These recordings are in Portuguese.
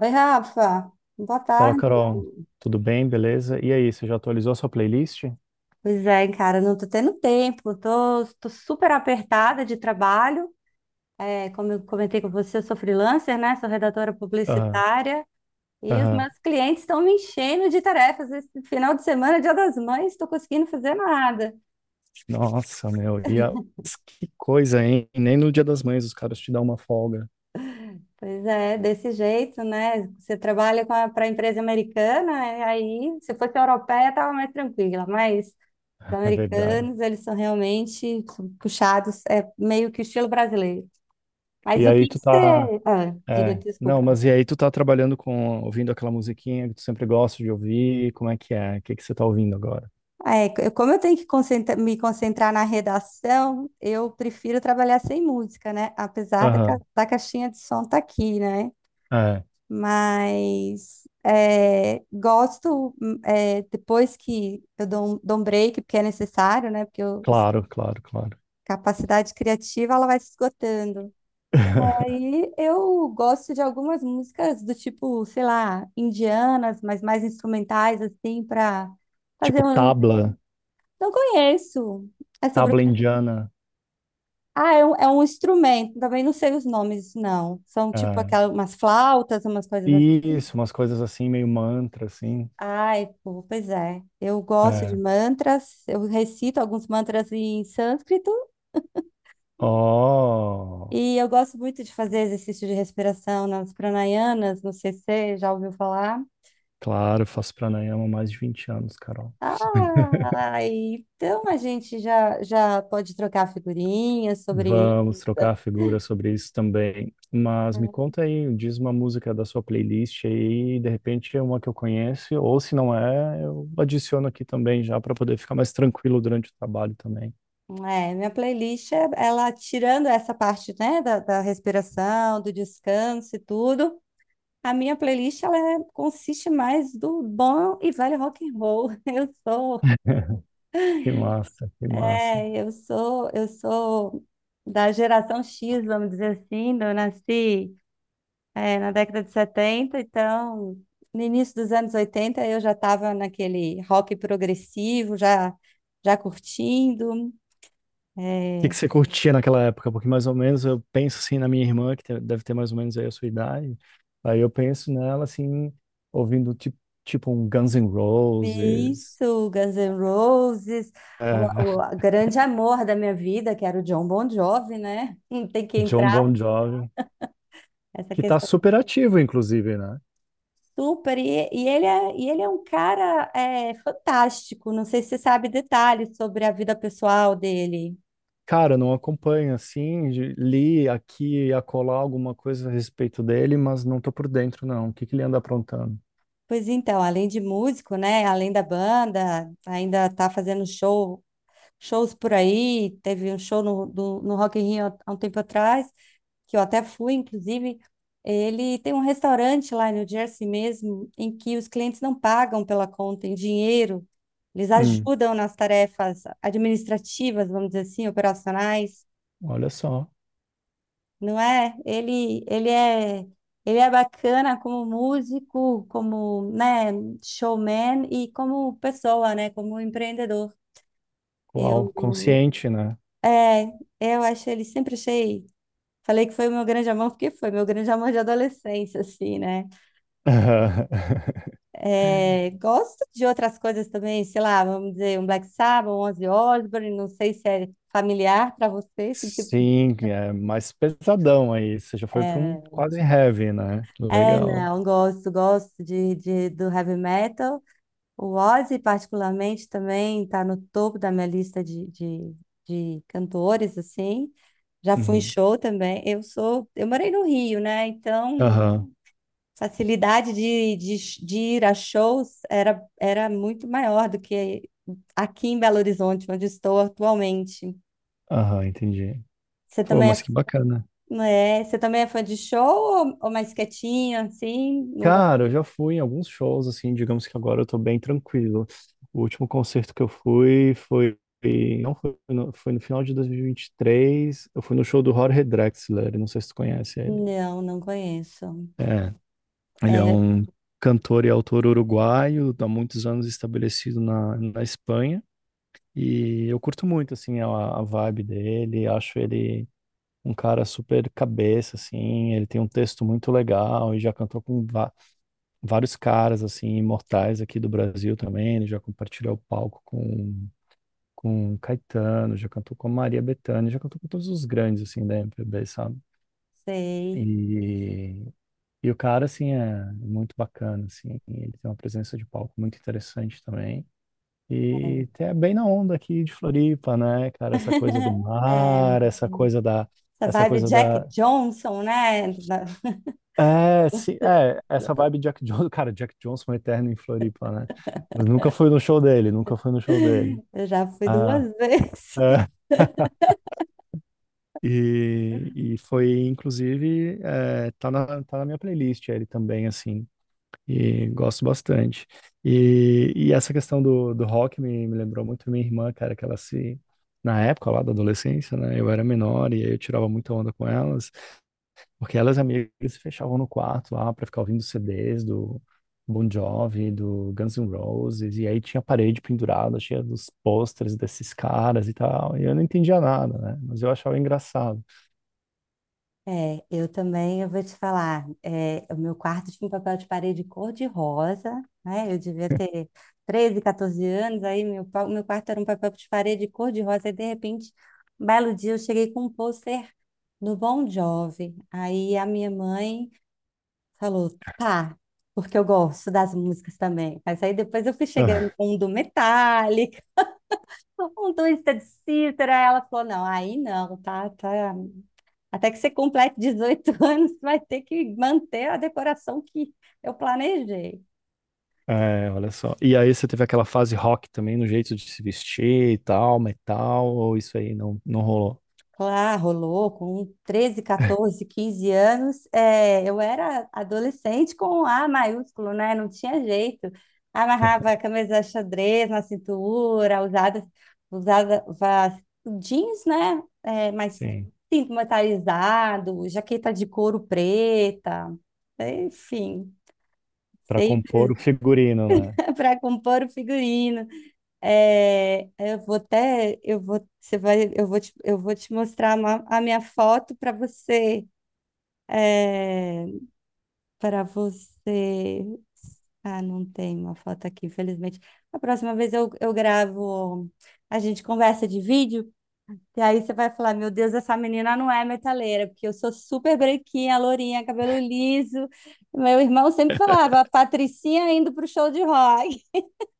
Oi, Rafa. Boa Fala, tarde. Carol. Tudo bem? Beleza? E aí, você já atualizou a sua playlist? Pois é, cara, não tô tendo tempo. Tô super apertada de trabalho. É, como eu comentei com você, eu sou freelancer, né? Sou redatora Aham, publicitária. E os aham. meus clientes estão me enchendo de tarefas. Esse final de semana, Dia das Mães, estou conseguindo fazer nada. Nossa, meu. Que coisa, hein? Nem no Dia das Mães os caras te dão uma folga. Pois é, desse jeito, né? Você trabalha para a pra empresa americana, e aí, se fosse europeia, estava mais tranquila. Mas os É verdade. americanos, eles são realmente puxados, é meio que o estilo brasileiro. Mas E o aí que que tu tá... você... Ah, diga, É. Não, desculpa. mas E aí tu tá trabalhando ouvindo aquela musiquinha que tu sempre gosta de ouvir? Como é que é? O que que você tá ouvindo agora? Ah, é, como eu tenho que me concentrar na redação, eu prefiro trabalhar sem música, né? Apesar da, Aham, da caixinha de som estar aqui, né? é. Mas é, gosto, é, depois que eu dou um break, porque é necessário, né? Claro, claro, claro. A capacidade criativa, ela vai se esgotando. Aí eu gosto de algumas músicas do tipo, sei lá, indianas, mas mais instrumentais, assim, para fazer Tipo um. tabla, Não conheço. É sobre o tabla quê? indiana. Ah, é um instrumento. Também não sei os nomes, não. São tipo É. aquelas umas flautas, umas coisas assim. Isso, umas coisas assim, meio mantra, assim. Ai, pô, pois é. Eu gosto de É. mantras, eu recito alguns mantras em sânscrito Oh, e eu gosto muito de fazer exercício de respiração nas pranayanas, não sei se você já ouviu falar. claro, faço pranayama há mais de 20 anos, Carol. Ah, então a gente já pode trocar figurinhas sobre isso. Vamos trocar figuras sobre isso também. Mas me conta aí, diz uma música da sua playlist aí, de repente é uma que eu conheço, ou se não é, eu adiciono aqui também já para poder ficar mais tranquilo durante o trabalho também. É, minha playlist, ela tirando essa parte, né, da respiração, do descanso e tudo, a minha playlist, consiste mais do bom e velho rock and roll. Eu sou, Que massa, que massa. é, eu sou da geração X, vamos dizer assim, eu nasci é, na década de 70, então, no início dos anos 80, eu já estava naquele rock progressivo, já curtindo. que É, que você curtia naquela época? Porque mais ou menos eu penso assim na minha irmã, deve ter mais ou menos aí a sua idade. Aí eu penso nela assim, ouvindo tipo um Guns N' Roses, isso, Guns N' Roses, é, o grande amor da minha vida, que era o John Bon Jovi, né? Não, tem que entrar John Bon Jovi, essa que tá questão. super ativo, inclusive, né? Super. E ele é um cara é, fantástico. Não sei se você sabe detalhes sobre a vida pessoal dele. Cara, eu não acompanho assim, li aqui e acolá alguma coisa a respeito dele, mas não tô por dentro, não. O que que ele anda aprontando? Pois então, além de músico, né? Além da banda, ainda tá fazendo shows por aí. Teve um show no Rock in Rio há um tempo atrás, que eu até fui, inclusive. Ele tem um restaurante lá em New Jersey mesmo, em que os clientes não pagam pela conta em dinheiro. Eles Hum, ajudam nas tarefas administrativas, vamos dizer assim, operacionais, olha só, não é? Ele é bacana como músico, como, né, showman e como pessoa, né, como empreendedor. Eu, uau, consciente, né? é, eu acho ele, sempre achei. Falei que foi o meu grande amor, porque foi meu grande amor de adolescência, assim, né? É, gosto de outras coisas também, sei lá, vamos dizer, um Black Sabbath, um Ozzy Osbourne, não sei se é familiar para você, esse tipo. Sim, é mais pesadão aí. Você já foi para um É, quase heavy, né? Legal. não, gosto de, do heavy metal. O Ozzy, particularmente, também está no topo da minha lista de cantores, assim. Já fui em Uhum. show também. Eu sou, eu morei no Rio, né? Então, Aham, facilidade de ir a shows era muito maior do que aqui em Belo Horizonte, onde estou atualmente. aham, entendi. Você Pô, também mas é, que bacana. não é, você também é fã de show ou mais quietinho, assim? Não, Cara, eu já fui em alguns shows, assim, digamos que agora eu tô bem tranquilo. O último concerto que eu fui foi. Não foi no, foi no final de 2023. Eu fui no show do Jorge Drexler, não sei se tu conhece ele. não, não conheço. É, ele é É, um cantor e autor uruguaio, há muitos anos estabelecido na Espanha. E eu curto muito, a vibe dele, acho ele um cara super cabeça, assim, ele tem um texto muito legal e já cantou com vários caras, assim, imortais aqui do Brasil também, ele já compartilhou o palco com Caetano, já cantou com a Maria Bethânia, já cantou com todos os grandes, assim, da MPB, sabe? sei. E, e o cara, assim, é muito bacana, assim, ele tem uma presença de palco muito interessante também. É. E é bem na onda aqui de Floripa, né, cara? Essa coisa do É, mar, essa essa vibe coisa Jack da, Johnson, né? é, sim, é, essa vibe Jack Johnson, cara, Jack Johnson é eterno em Floripa, né? Mas nunca fui no show dele, nunca fui no show dele. Eu já fui Ah, duas vezes. é. E foi, inclusive, é, tá na minha playlist ele também, assim. E gosto bastante. E essa questão do rock me lembrou muito minha irmã, cara, que ela se. Na época lá da adolescência, né? Eu era menor e aí eu tirava muita onda com elas, porque elas e amigas se fechavam no quarto lá pra ficar ouvindo CDs do Bon Jovi, do Guns N' Roses, e aí tinha a parede pendurada, cheia dos pôsteres desses caras e tal. E eu não entendia nada, né? Mas eu achava engraçado. É, eu também, eu vou te falar, é, o meu quarto tinha um papel de parede cor-de-rosa, né? Eu devia ter 13, 14 anos, aí meu quarto era um papel de parede cor-de-rosa, e de repente, um belo dia, eu cheguei com um pôster no Bon Jovi. Aí a minha mãe falou, tá, porque eu gosto das músicas também. Mas aí depois eu fui chegando com um do Metallica, um do Twisted Sister, aí ela falou, não, aí não, tá, tá. Até que você complete 18 anos, vai ter que manter a decoração que eu planejei. É, olha só. E aí você teve aquela fase rock também no jeito de se vestir e tal, metal, ou isso aí não, não rolou? Claro, rolou com 13, 14, 15 anos. É, eu era adolescente com A maiúsculo, né? Não tinha jeito. Amarrava a camisa xadrez na cintura, usava jeans, né? É, mas Sim, cinto metalizado, jaqueta de couro preta, enfim, pra sempre compor o figurino, né? para compor o figurino. É, eu vou até, eu vou, você vai, eu vou te mostrar a minha foto para você, é, para você. Ah, não tem uma foto aqui, infelizmente. A próxima vez eu gravo, a gente conversa de vídeo, e aí você vai falar, meu Deus, essa menina não é metaleira, porque eu sou super branquinha, lourinha, cabelo liso. Meu irmão sempre falava, a Patricinha indo pro show de rock.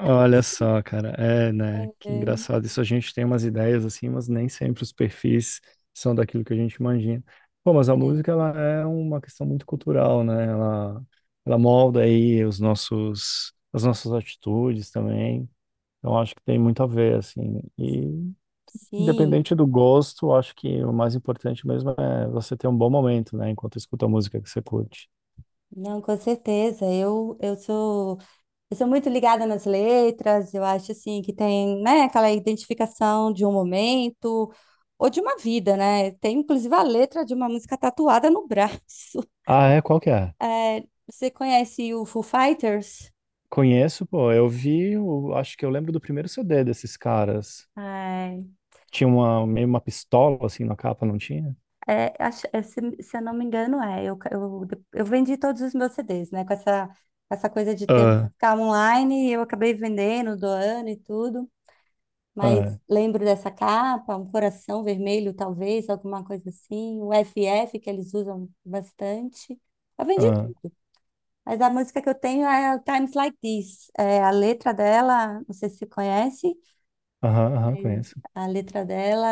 Olha só, cara, é, né? Que engraçado. Isso a gente tem umas ideias assim, mas nem sempre os perfis são daquilo que a gente imagina. Pô, mas a É, música ela é uma questão muito cultural, né? Ela molda aí os nossos, as nossas atitudes também. Então acho que tem muito a ver, assim. E sim. independente do gosto, acho que o mais importante mesmo é você ter um bom momento, né? Enquanto escuta a música que você curte. Não, com certeza. Eu sou muito ligada nas letras. Eu acho assim que tem, né, aquela identificação de um momento ou de uma vida, né? Tem inclusive a letra de uma música tatuada no braço. Ah, é? Qual que é? É, você conhece o Foo Fighters? Conheço, pô. Acho que eu lembro do primeiro CD desses caras. Ai, Tinha uma, meio uma pistola, assim, na capa, não tinha? é, é, se eu não me engano, é. Eu vendi todos os meus CDs, né? Com essa, essa coisa de ter Ah, música online, eu acabei vendendo, doando e tudo. Mas Ah, lembro dessa capa, um coração vermelho, talvez, alguma coisa assim. O FF, que eles usam bastante. Eu vendi ah, tudo. Mas a música que eu tenho é o Times Like This. É, a letra dela, não sei se você conhece, aham, aham, mas conheço. a letra dela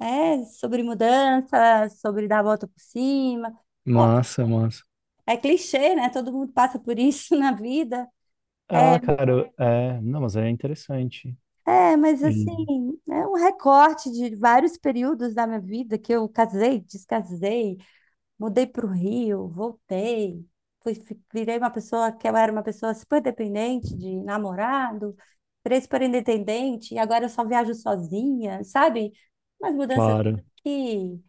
é sobre mudança, sobre dar a volta por cima. Ó, Massa, massa. é clichê, né? Todo mundo passa por isso na vida. É, Ah, cara, eu- é, não, mas é interessante. é, mas E, assim, é um recorte de vários períodos da minha vida que eu casei, descasei, mudei para o Rio, voltei, virei uma pessoa que eu era uma pessoa super dependente de namorado, virei super independente, e agora eu só viajo sozinha, sabe? Umas mudanças claro, que,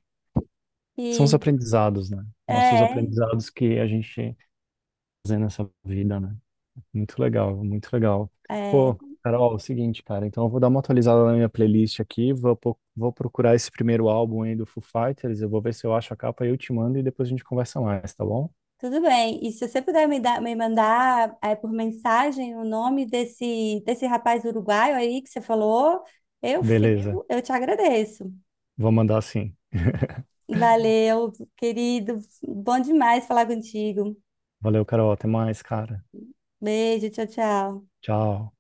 são os que aprendizados, né? Nossos é, aprendizados que a gente fazendo nessa vida, né? Muito legal, muito legal. é, Pô, Carol, é o seguinte, cara, então eu vou dar uma atualizada na minha playlist aqui, vou procurar esse primeiro álbum aí do Foo Fighters, eu vou ver se eu acho a capa e eu te mando e depois a gente conversa mais, tá bom? tudo bem. E se você puder me dar, me mandar é, por mensagem o nome desse rapaz uruguaio aí que você falou, eu Beleza, fico, eu te agradeço. vou mandar sim. Valeu, querido, bom demais falar contigo. Valeu, Carol, até mais, cara. Beijo, tchau, tchau. Tchau.